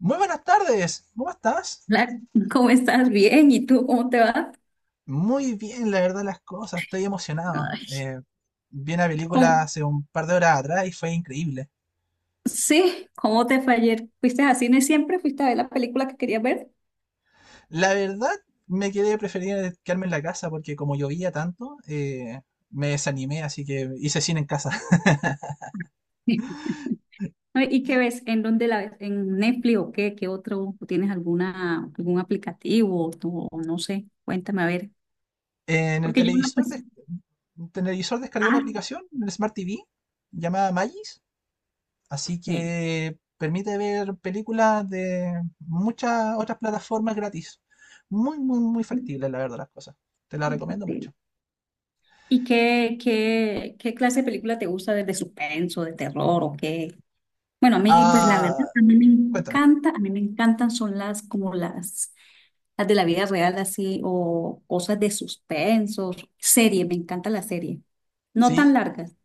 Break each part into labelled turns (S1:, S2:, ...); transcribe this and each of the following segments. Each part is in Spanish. S1: Muy buenas tardes, ¿cómo estás?
S2: Hola, ¿cómo estás? Bien, ¿y tú cómo te vas?
S1: Muy bien, la verdad, las cosas, estoy emocionado.
S2: Ay,
S1: Vi una película
S2: ¿cómo?
S1: hace un par de horas atrás y fue increíble.
S2: Sí, ¿cómo te fue ayer? ¿Fuiste a cine siempre? ¿Fuiste a ver la película que querías ver?
S1: La verdad, me quedé preferir quedarme en la casa porque como llovía tanto, me desanimé, así que hice cine en casa.
S2: Ay, ¿y qué ves? ¿En dónde la ves? ¿En Netflix o qué? ¿Qué otro? ¿O tienes alguna, algún aplicativo? O no sé, cuéntame a ver.
S1: En el
S2: Porque yo no,
S1: televisor,
S2: pues,
S1: en el televisor descargué una
S2: ah,
S1: aplicación, en el Smart TV, llamada Magis, así
S2: sí,
S1: que permite ver películas de muchas otras plataformas gratis. Muy, muy, muy
S2: sí,
S1: factible, la verdad, las cosas. Te la recomiendo
S2: sí.
S1: mucho.
S2: ¿Y qué clase de película te gusta? ¿De suspenso, de terror o qué? Bueno, a mí, pues la
S1: Ah,
S2: verdad, a mí me
S1: cuéntame,
S2: encanta, a mí me encantan son las como las de la vida real así o cosas de suspenso, serie, me encanta la serie. No
S1: ¿sí?
S2: tan largas,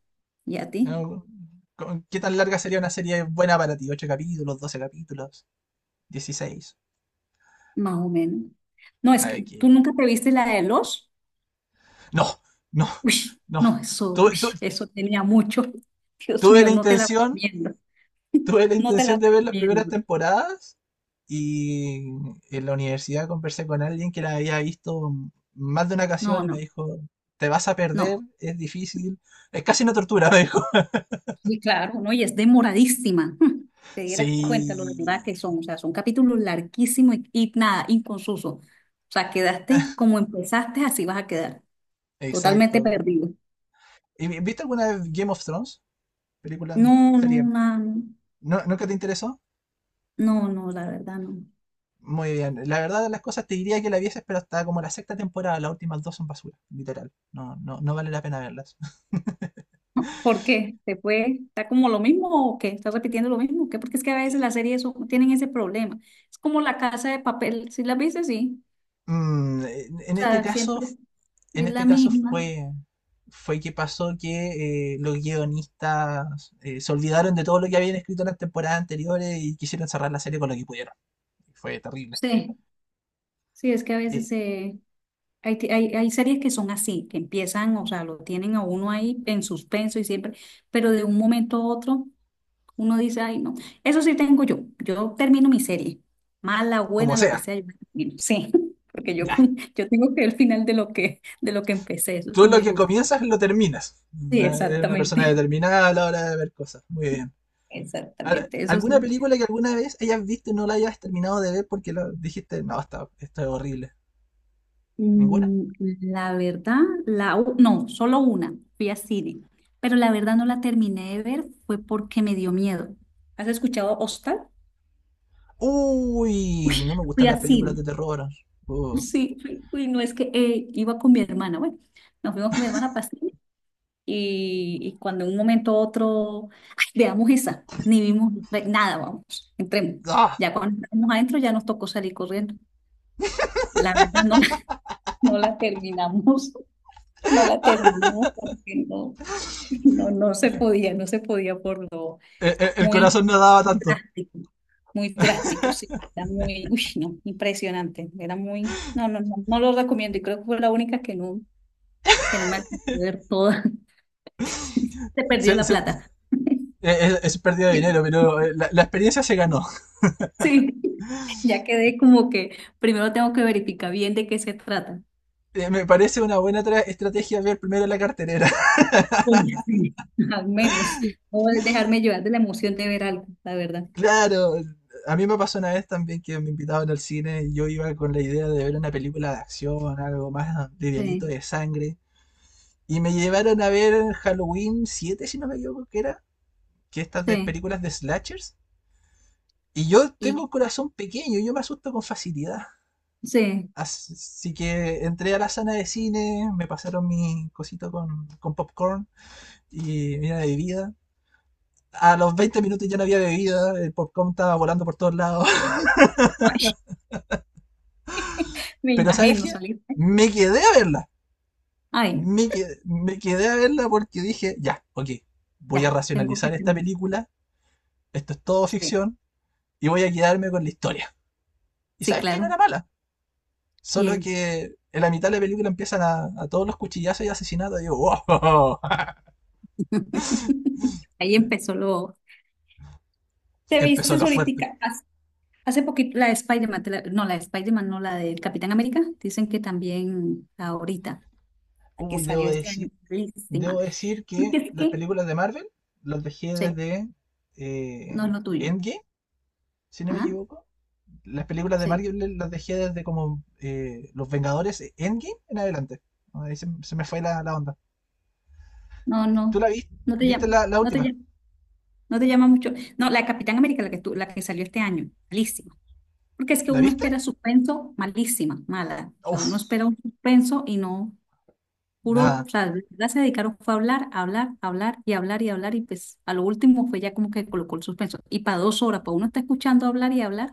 S2: ¿y a
S1: Eh,
S2: ti?
S1: Qué tan larga sería una serie buena para ti? 8 capítulos, 12 capítulos, 16.
S2: Más o menos. No, es
S1: A ver,
S2: que tú
S1: ¿qué?
S2: nunca te viste la de los.
S1: No, no,
S2: Uy,
S1: no.
S2: no, eso,
S1: Tuve,
S2: uy,
S1: tu-
S2: eso tenía mucho. Dios
S1: tuve
S2: mío,
S1: la
S2: no te la
S1: intención,
S2: recomiendo.
S1: tuve la
S2: No te
S1: intención
S2: la
S1: de ver las primeras
S2: recomiendo.
S1: temporadas y en la universidad conversé con alguien que la había visto más de una ocasión
S2: No,
S1: y me
S2: no,
S1: dijo, te vas a perder,
S2: no.
S1: es difícil, es casi una tortura, me dijo.
S2: Sí, claro, ¿no? Y es demoradísima. Te dieras
S1: Sí,
S2: cuenta lo demoradas que son. O sea, son capítulos larguísimos y nada, inconsusos. O sea, quedaste como empezaste, así vas a quedar. Totalmente
S1: exacto.
S2: perdido.
S1: ¿Y viste alguna vez Game of Thrones? Película,
S2: No, no,
S1: serie.
S2: na-
S1: ¿No, ¿nunca te interesó?
S2: no, no, la verdad no.
S1: Muy bien. La verdad de las cosas te diría que la vieses, pero hasta como la sexta temporada, las últimas dos son basura, literal. No, no, no vale la pena verlas.
S2: ¿Por qué? ¿Te fue? ¿Está como lo mismo o qué? ¿Estás repitiendo lo mismo? ¿Qué? Porque es que a veces las series tienen ese problema. Es como la casa de papel. Si la viste, sí.
S1: Mm, en
S2: O
S1: en este
S2: sea,
S1: caso
S2: siempre
S1: en
S2: es
S1: este
S2: la
S1: caso
S2: misma.
S1: fue, fue que pasó que los guionistas se olvidaron de todo lo que habían escrito en las temporadas anteriores y quisieron cerrar la serie con lo que pudieron. Fue terrible.
S2: Sí, sí, es que a
S1: Eh,
S2: veces se hay, hay series que son así, que empiezan, o sea, lo tienen a uno ahí en suspenso y siempre, pero de un momento a otro uno dice, ay, no, eso sí tengo yo, yo termino mi serie, mala,
S1: Como
S2: buena, lo que
S1: sea,
S2: sea, yo la termino. Sí, porque
S1: ya.
S2: yo tengo que el final de de lo que empecé, eso
S1: Tú
S2: sí
S1: lo
S2: me
S1: que
S2: gusta.
S1: comienzas lo terminas.
S2: Sí,
S1: Eres una persona
S2: exactamente,
S1: determinada a la hora de ver cosas. Muy bien. Ahora,
S2: exactamente, eso
S1: ¿alguna
S2: sí.
S1: película que alguna vez hayas visto y no la hayas terminado de ver porque lo dijiste, no, está, está horrible? ¿Ninguna?
S2: Mm, la verdad, no, solo una, fui a cine, pero la verdad no la terminé de ver, fue porque me dio miedo. ¿Has escuchado Hostal? Uy,
S1: Uy, no me gustan
S2: fui
S1: las
S2: a
S1: películas
S2: cine.
S1: de terror. Uh.
S2: Sí, fui, fui, no es que iba con mi hermana. Bueno, nos fuimos con mi hermana para cine y cuando en un momento u otro, "Ay, veamos esa, ni vimos otra, nada, vamos, entremos.
S1: ¡Ah!
S2: Ya cuando estamos adentro ya nos tocó salir corriendo. La verdad no la, no la terminamos, no la terminamos porque no, no, no se podía, no se podía por lo
S1: El
S2: Muy,
S1: corazón no daba tanto.
S2: drástico, muy drástico, sí. Era muy, uy, no, impresionante. Era muy, no, no, no, no lo recomiendo y creo que fue la única que no me alcanzó a ver toda. Se perdió
S1: Se-
S2: la
S1: se-
S2: plata.
S1: es pérdida de
S2: Bien.
S1: dinero, pero la, la experiencia se ganó.
S2: Sí, ya quedé como que primero tengo que verificar bien de qué se trata.
S1: Me parece una buena estrategia ver primero la carterera.
S2: Oye, sí. Al menos, o dejarme llevar de la emoción de ver algo, la verdad.
S1: Claro, a mí me pasó una vez también que me invitaban al cine y yo iba con la idea de ver una película de acción, algo más livianito
S2: Sí,
S1: de sangre. Y me llevaron a ver Halloween 7, si no me equivoco, que era, que estas de
S2: sí,
S1: películas de slashers. Y yo tengo
S2: y
S1: un corazón pequeño, yo me asusto con facilidad.
S2: sí.
S1: Así sí que entré a la sala de cine, me pasaron mi cosito con popcorn y mira bebida. A los 20 minutos ya no había bebida, el popcorn estaba volando por todos lados.
S2: Ay, me
S1: Pero ¿sabes
S2: imagino
S1: qué?
S2: salir. ¿Eh?
S1: Me quedé a verla.
S2: Ay,
S1: Me quedé a verla porque dije, ya, ok, voy a
S2: ya, tengo que
S1: racionalizar esta
S2: terminar.
S1: película, esto es todo
S2: Sí.
S1: ficción y voy a quedarme con la historia. Y
S2: Sí,
S1: ¿sabes qué? No
S2: claro.
S1: era mala. Solo
S2: ¿Quién?
S1: que en la mitad de la película empiezan a todos los cuchillazos y asesinatos. Y digo, wow,
S2: Ahí empezó lo... ¿Te viste
S1: empezó lo fuerte.
S2: ahorita? Hace poquito la de Spider-Man, no, la de Spider-Man, no, la del Capitán América. Dicen que también ahorita, la que
S1: Uy,
S2: salió este año, buenísima.
S1: debo decir
S2: Porque
S1: que
S2: es
S1: las
S2: que,
S1: películas de Marvel las dejé
S2: sí,
S1: desde eh,
S2: no es lo tuyo.
S1: Endgame, si no me
S2: Ajá,
S1: equivoco. Las películas de
S2: sí.
S1: Marvel las dejé desde como Los Vengadores Endgame en adelante. Ah, ahí se, se me fue la, la onda.
S2: No,
S1: ¿Tú la viste?
S2: no te
S1: ¿Viste
S2: llama,
S1: la, la
S2: no te
S1: última?
S2: llama, no te llama mucho. No, la de Capitán América, la que salió este año, malísima. Porque es que
S1: ¿La
S2: uno
S1: viste?
S2: espera suspenso, malísima, mala. O sea, uno
S1: Uf,
S2: espera un suspenso y no. Puro, o
S1: nada,
S2: sea, de verdad se dedicaron fue a hablar, a hablar, a hablar y hablar y hablar y pues a lo último fue ya como que colocó el suspenso. Y para dos horas, para uno está escuchando hablar y hablar,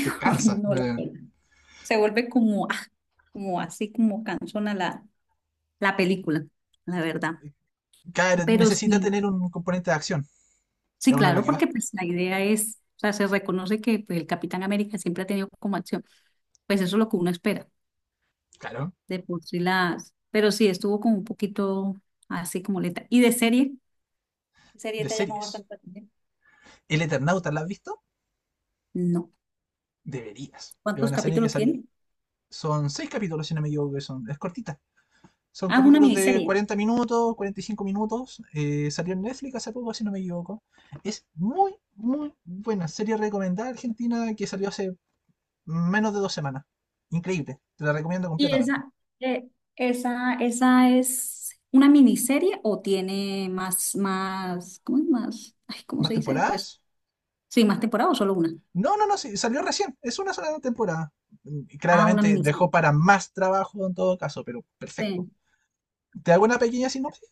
S1: te cansa.
S2: no la pela. Se vuelve como, ah, como así como cansona la, la película, la verdad.
S1: Claro,
S2: Pero
S1: necesita
S2: sí,
S1: tener un componente de acción. Y
S2: sí,
S1: a uno a lo
S2: claro,
S1: que
S2: porque
S1: va.
S2: pues la idea es, o sea, se reconoce que pues el Capitán América siempre ha tenido como acción, pues eso es lo que uno espera,
S1: Claro,
S2: de por sí las, pero sí, estuvo como un poquito así como lenta. ¿Y de serie? ¿Qué serie
S1: de
S2: te ha llamado
S1: series.
S2: bastante la atención?
S1: ¿El Eternauta la has visto? Deberías. Es
S2: ¿Cuántos
S1: una serie que
S2: capítulos
S1: salió.
S2: tiene?
S1: Son seis capítulos, si no me equivoco, que son. Es cortita. Son
S2: Ah, es una
S1: capítulos de
S2: miniserie.
S1: 40 minutos, 45 minutos. Salió en Netflix hace poco, si no me equivoco. Es muy, muy buena. Serie recomendada argentina que salió hace menos de 2 semanas. Increíble. Te la recomiendo
S2: Y
S1: completamente.
S2: esa, eh, ¿esa, esa es una miniserie o tiene más, más, ¿cómo es más? Ay, ¿cómo
S1: ¿Más
S2: se dice? Pues
S1: temporadas?
S2: sí, más temporada o solo una.
S1: No, no, no, sí, salió recién. Es una sola temporada. Y
S2: Ah, una
S1: claramente dejó
S2: miniserie.
S1: para más trabajo en todo caso, pero perfecto.
S2: Sí,
S1: Te hago una pequeña sinopsis.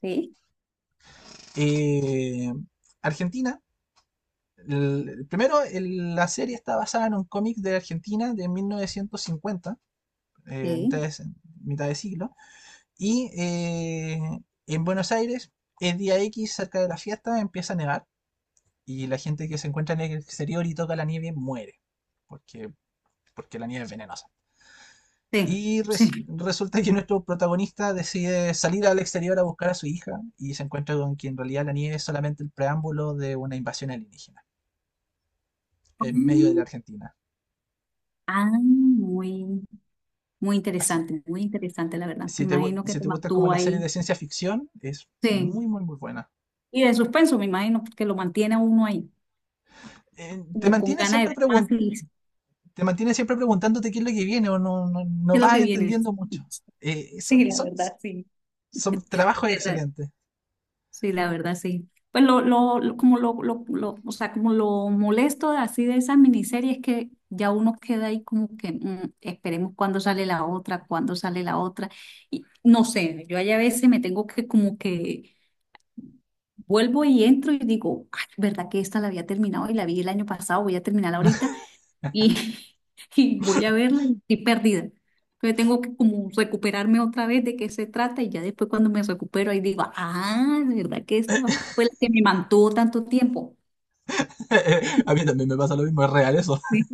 S2: sí,
S1: Eh, Argentina primero, la serie está basada en un cómic de Argentina de 1950, eh, mitad
S2: sí,
S1: de, mitad de siglo, y en Buenos Aires, el día X, cerca de la fiesta, empieza a nevar y la gente que se encuentra en el exterior y toca la nieve muere, porque, porque la nieve es venenosa.
S2: sí,
S1: Y
S2: sí.
S1: resulta que nuestro protagonista decide salir al exterior a buscar a su hija y se encuentra con que en realidad la nieve es solamente el preámbulo de una invasión alienígena en medio de la
S2: Mm,
S1: Argentina.
S2: ah, muy,
S1: Así
S2: muy interesante, la verdad. Me
S1: si te,
S2: imagino que
S1: si
S2: te
S1: te gusta como
S2: mantuvo
S1: la serie de
S2: ahí.
S1: ciencia ficción, es
S2: Sí.
S1: muy, muy, muy buena.
S2: Y de suspenso, me imagino, porque lo mantiene a uno ahí,
S1: Te
S2: como con
S1: mantiene
S2: ganas de
S1: siempre
S2: ver más y
S1: te mantiene siempre preguntándote qué es lo que viene o no, no, no
S2: qué es lo que
S1: vas
S2: viene.
S1: entendiendo mucho. Eh,
S2: Sí,
S1: son,
S2: la
S1: son,
S2: verdad, sí.
S1: son
S2: Sí,
S1: trabajos
S2: la
S1: excelentes.
S2: sí, la verdad, sí. Pues como o sea, como lo molesto así de esas miniseries es que ya uno queda ahí como que mm, esperemos cuándo sale la otra, cuándo sale la otra. Y no sé, yo ahí a veces me tengo que como que vuelvo y entro y digo, ay, ¿verdad que esta la había terminado y la vi el año pasado, voy a terminarla ahorita? Y, y voy a verla y estoy perdida. Entonces tengo que como recuperarme otra vez de qué se trata y ya después cuando me recupero ahí digo, ah, de verdad que esta fue la que me mantuvo tanto tiempo.
S1: A mí también me pasa lo mismo, es real eso.
S2: Sí,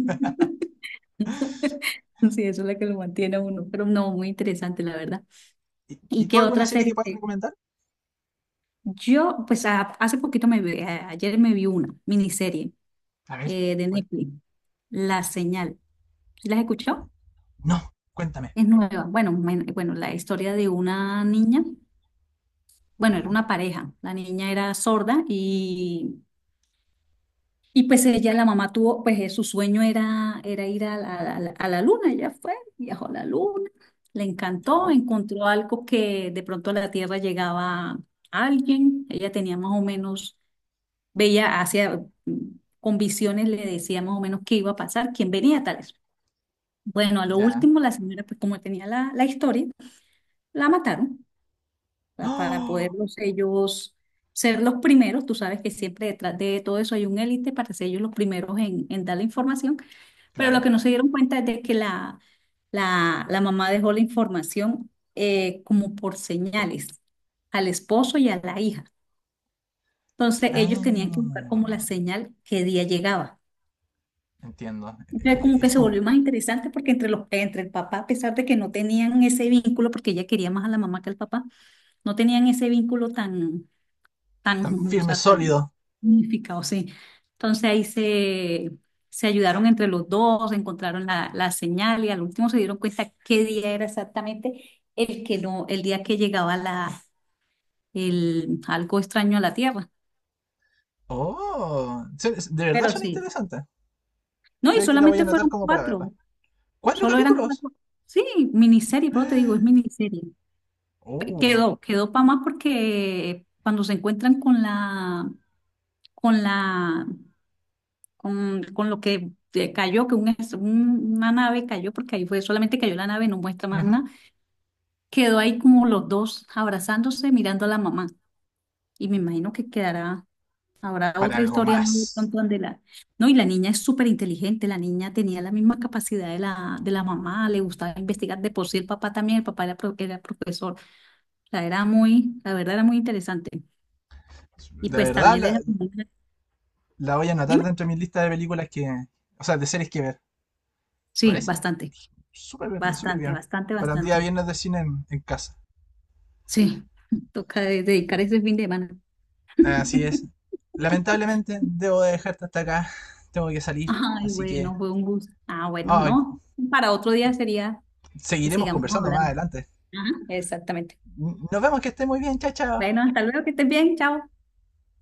S2: sí, eso es la que lo mantiene a uno, pero no, muy interesante la verdad. ¿Y
S1: Y tú
S2: qué
S1: alguna
S2: otra
S1: serie que
S2: serie?
S1: puedas recomendar?
S2: Yo, pues hace poquito me vi, ayer me vi una miniserie
S1: A ver,
S2: de
S1: ¿cuál?
S2: Netflix, La Señal. ¿Sí? ¿Las escuchó?
S1: No, cuéntame.
S2: Es nueva. Bueno, bueno, la historia de una niña. Bueno, era
S1: Ya,
S2: una pareja, la niña era sorda y pues ella, la mamá tuvo, pues su sueño era, era ir a la, a la luna, ella fue, viajó a la luna, le encantó,
S1: ya,
S2: encontró algo que de pronto a la Tierra llegaba alguien, ella tenía más o menos, veía hacia, mm, con visiones le decía más o menos qué iba a pasar, quién venía, tales. Bueno, a lo
S1: ya.
S2: último la señora, pues como tenía la, la historia, la mataron. Sea, para
S1: ¡Oh!
S2: poderlos ellos ser los primeros. Tú sabes que siempre detrás de todo eso hay un élite para ser ellos los primeros en dar la información, pero lo
S1: Claro.
S2: que no se dieron cuenta es de que la, la mamá dejó la información como por señales al esposo y a la hija. Entonces ellos
S1: Ah,
S2: tenían que buscar como la señal qué día llegaba.
S1: entiendo.
S2: Entonces como que
S1: Es
S2: se
S1: como
S2: volvió más interesante porque entre los, entre el papá, a pesar de que no tenían ese vínculo, porque ella quería más a la mamá que al papá, no tenían ese vínculo tan,
S1: tan
S2: tan, o
S1: firme,
S2: sea, tan
S1: sólido.
S2: unificado, sí. Entonces ahí se, se ayudaron entre los dos, encontraron la, la señal y al último se dieron cuenta qué día era exactamente el que no, el día que llegaba la, el, algo extraño a la Tierra.
S1: Oh, se- de verdad
S2: Pero
S1: son
S2: sí.
S1: interesantes.
S2: No, y
S1: Creo que la voy a
S2: solamente
S1: anotar
S2: fueron
S1: como para verla.
S2: cuatro,
S1: ¿Cuatro
S2: solo eran
S1: capítulos?
S2: cuatro. Sí, miniserie, pero te digo, es
S1: ¡Ah!
S2: miniserie.
S1: Oh,
S2: Quedó, quedó para más porque cuando se encuentran con la, con la con lo que cayó, que un una nave cayó, porque ahí fue, solamente cayó la nave, no muestra más
S1: ujú,
S2: nada. Quedó ahí como los dos abrazándose, mirando a la mamá. Y me imagino que quedará, habrá
S1: para
S2: otra
S1: algo
S2: historia más de
S1: más.
S2: pronto donde la... No, y la niña es súper inteligente, la niña tenía la misma capacidad de la mamá, le gustaba investigar, de por sí el papá también, el papá era, era profesor, la era muy, la verdad era muy interesante. Y
S1: De
S2: pues
S1: verdad
S2: también
S1: la,
S2: le...
S1: la voy a anotar
S2: Dime,
S1: dentro de mi lista de películas que... O sea, de series que ver. ¿Me
S2: sí,
S1: parece?
S2: bastante,
S1: Súper bien, súper
S2: bastante,
S1: bien.
S2: bastante,
S1: Para un día
S2: bastante.
S1: viernes de cine en casa.
S2: Sí. Toca dedicar ese fin de semana.
S1: Así es. Lamentablemente debo de dejarte hasta acá. Tengo que salir.
S2: Ay,
S1: Así que...
S2: bueno, fue un gusto. Ah, bueno,
S1: ay,
S2: no. Para otro día sería que
S1: seguiremos
S2: sigamos
S1: conversando más
S2: hablando.
S1: adelante.
S2: Ajá. Exactamente.
S1: Nos vemos, que esté muy bien. Chao, chao.
S2: Bueno, hasta luego, que estés bien. Chao.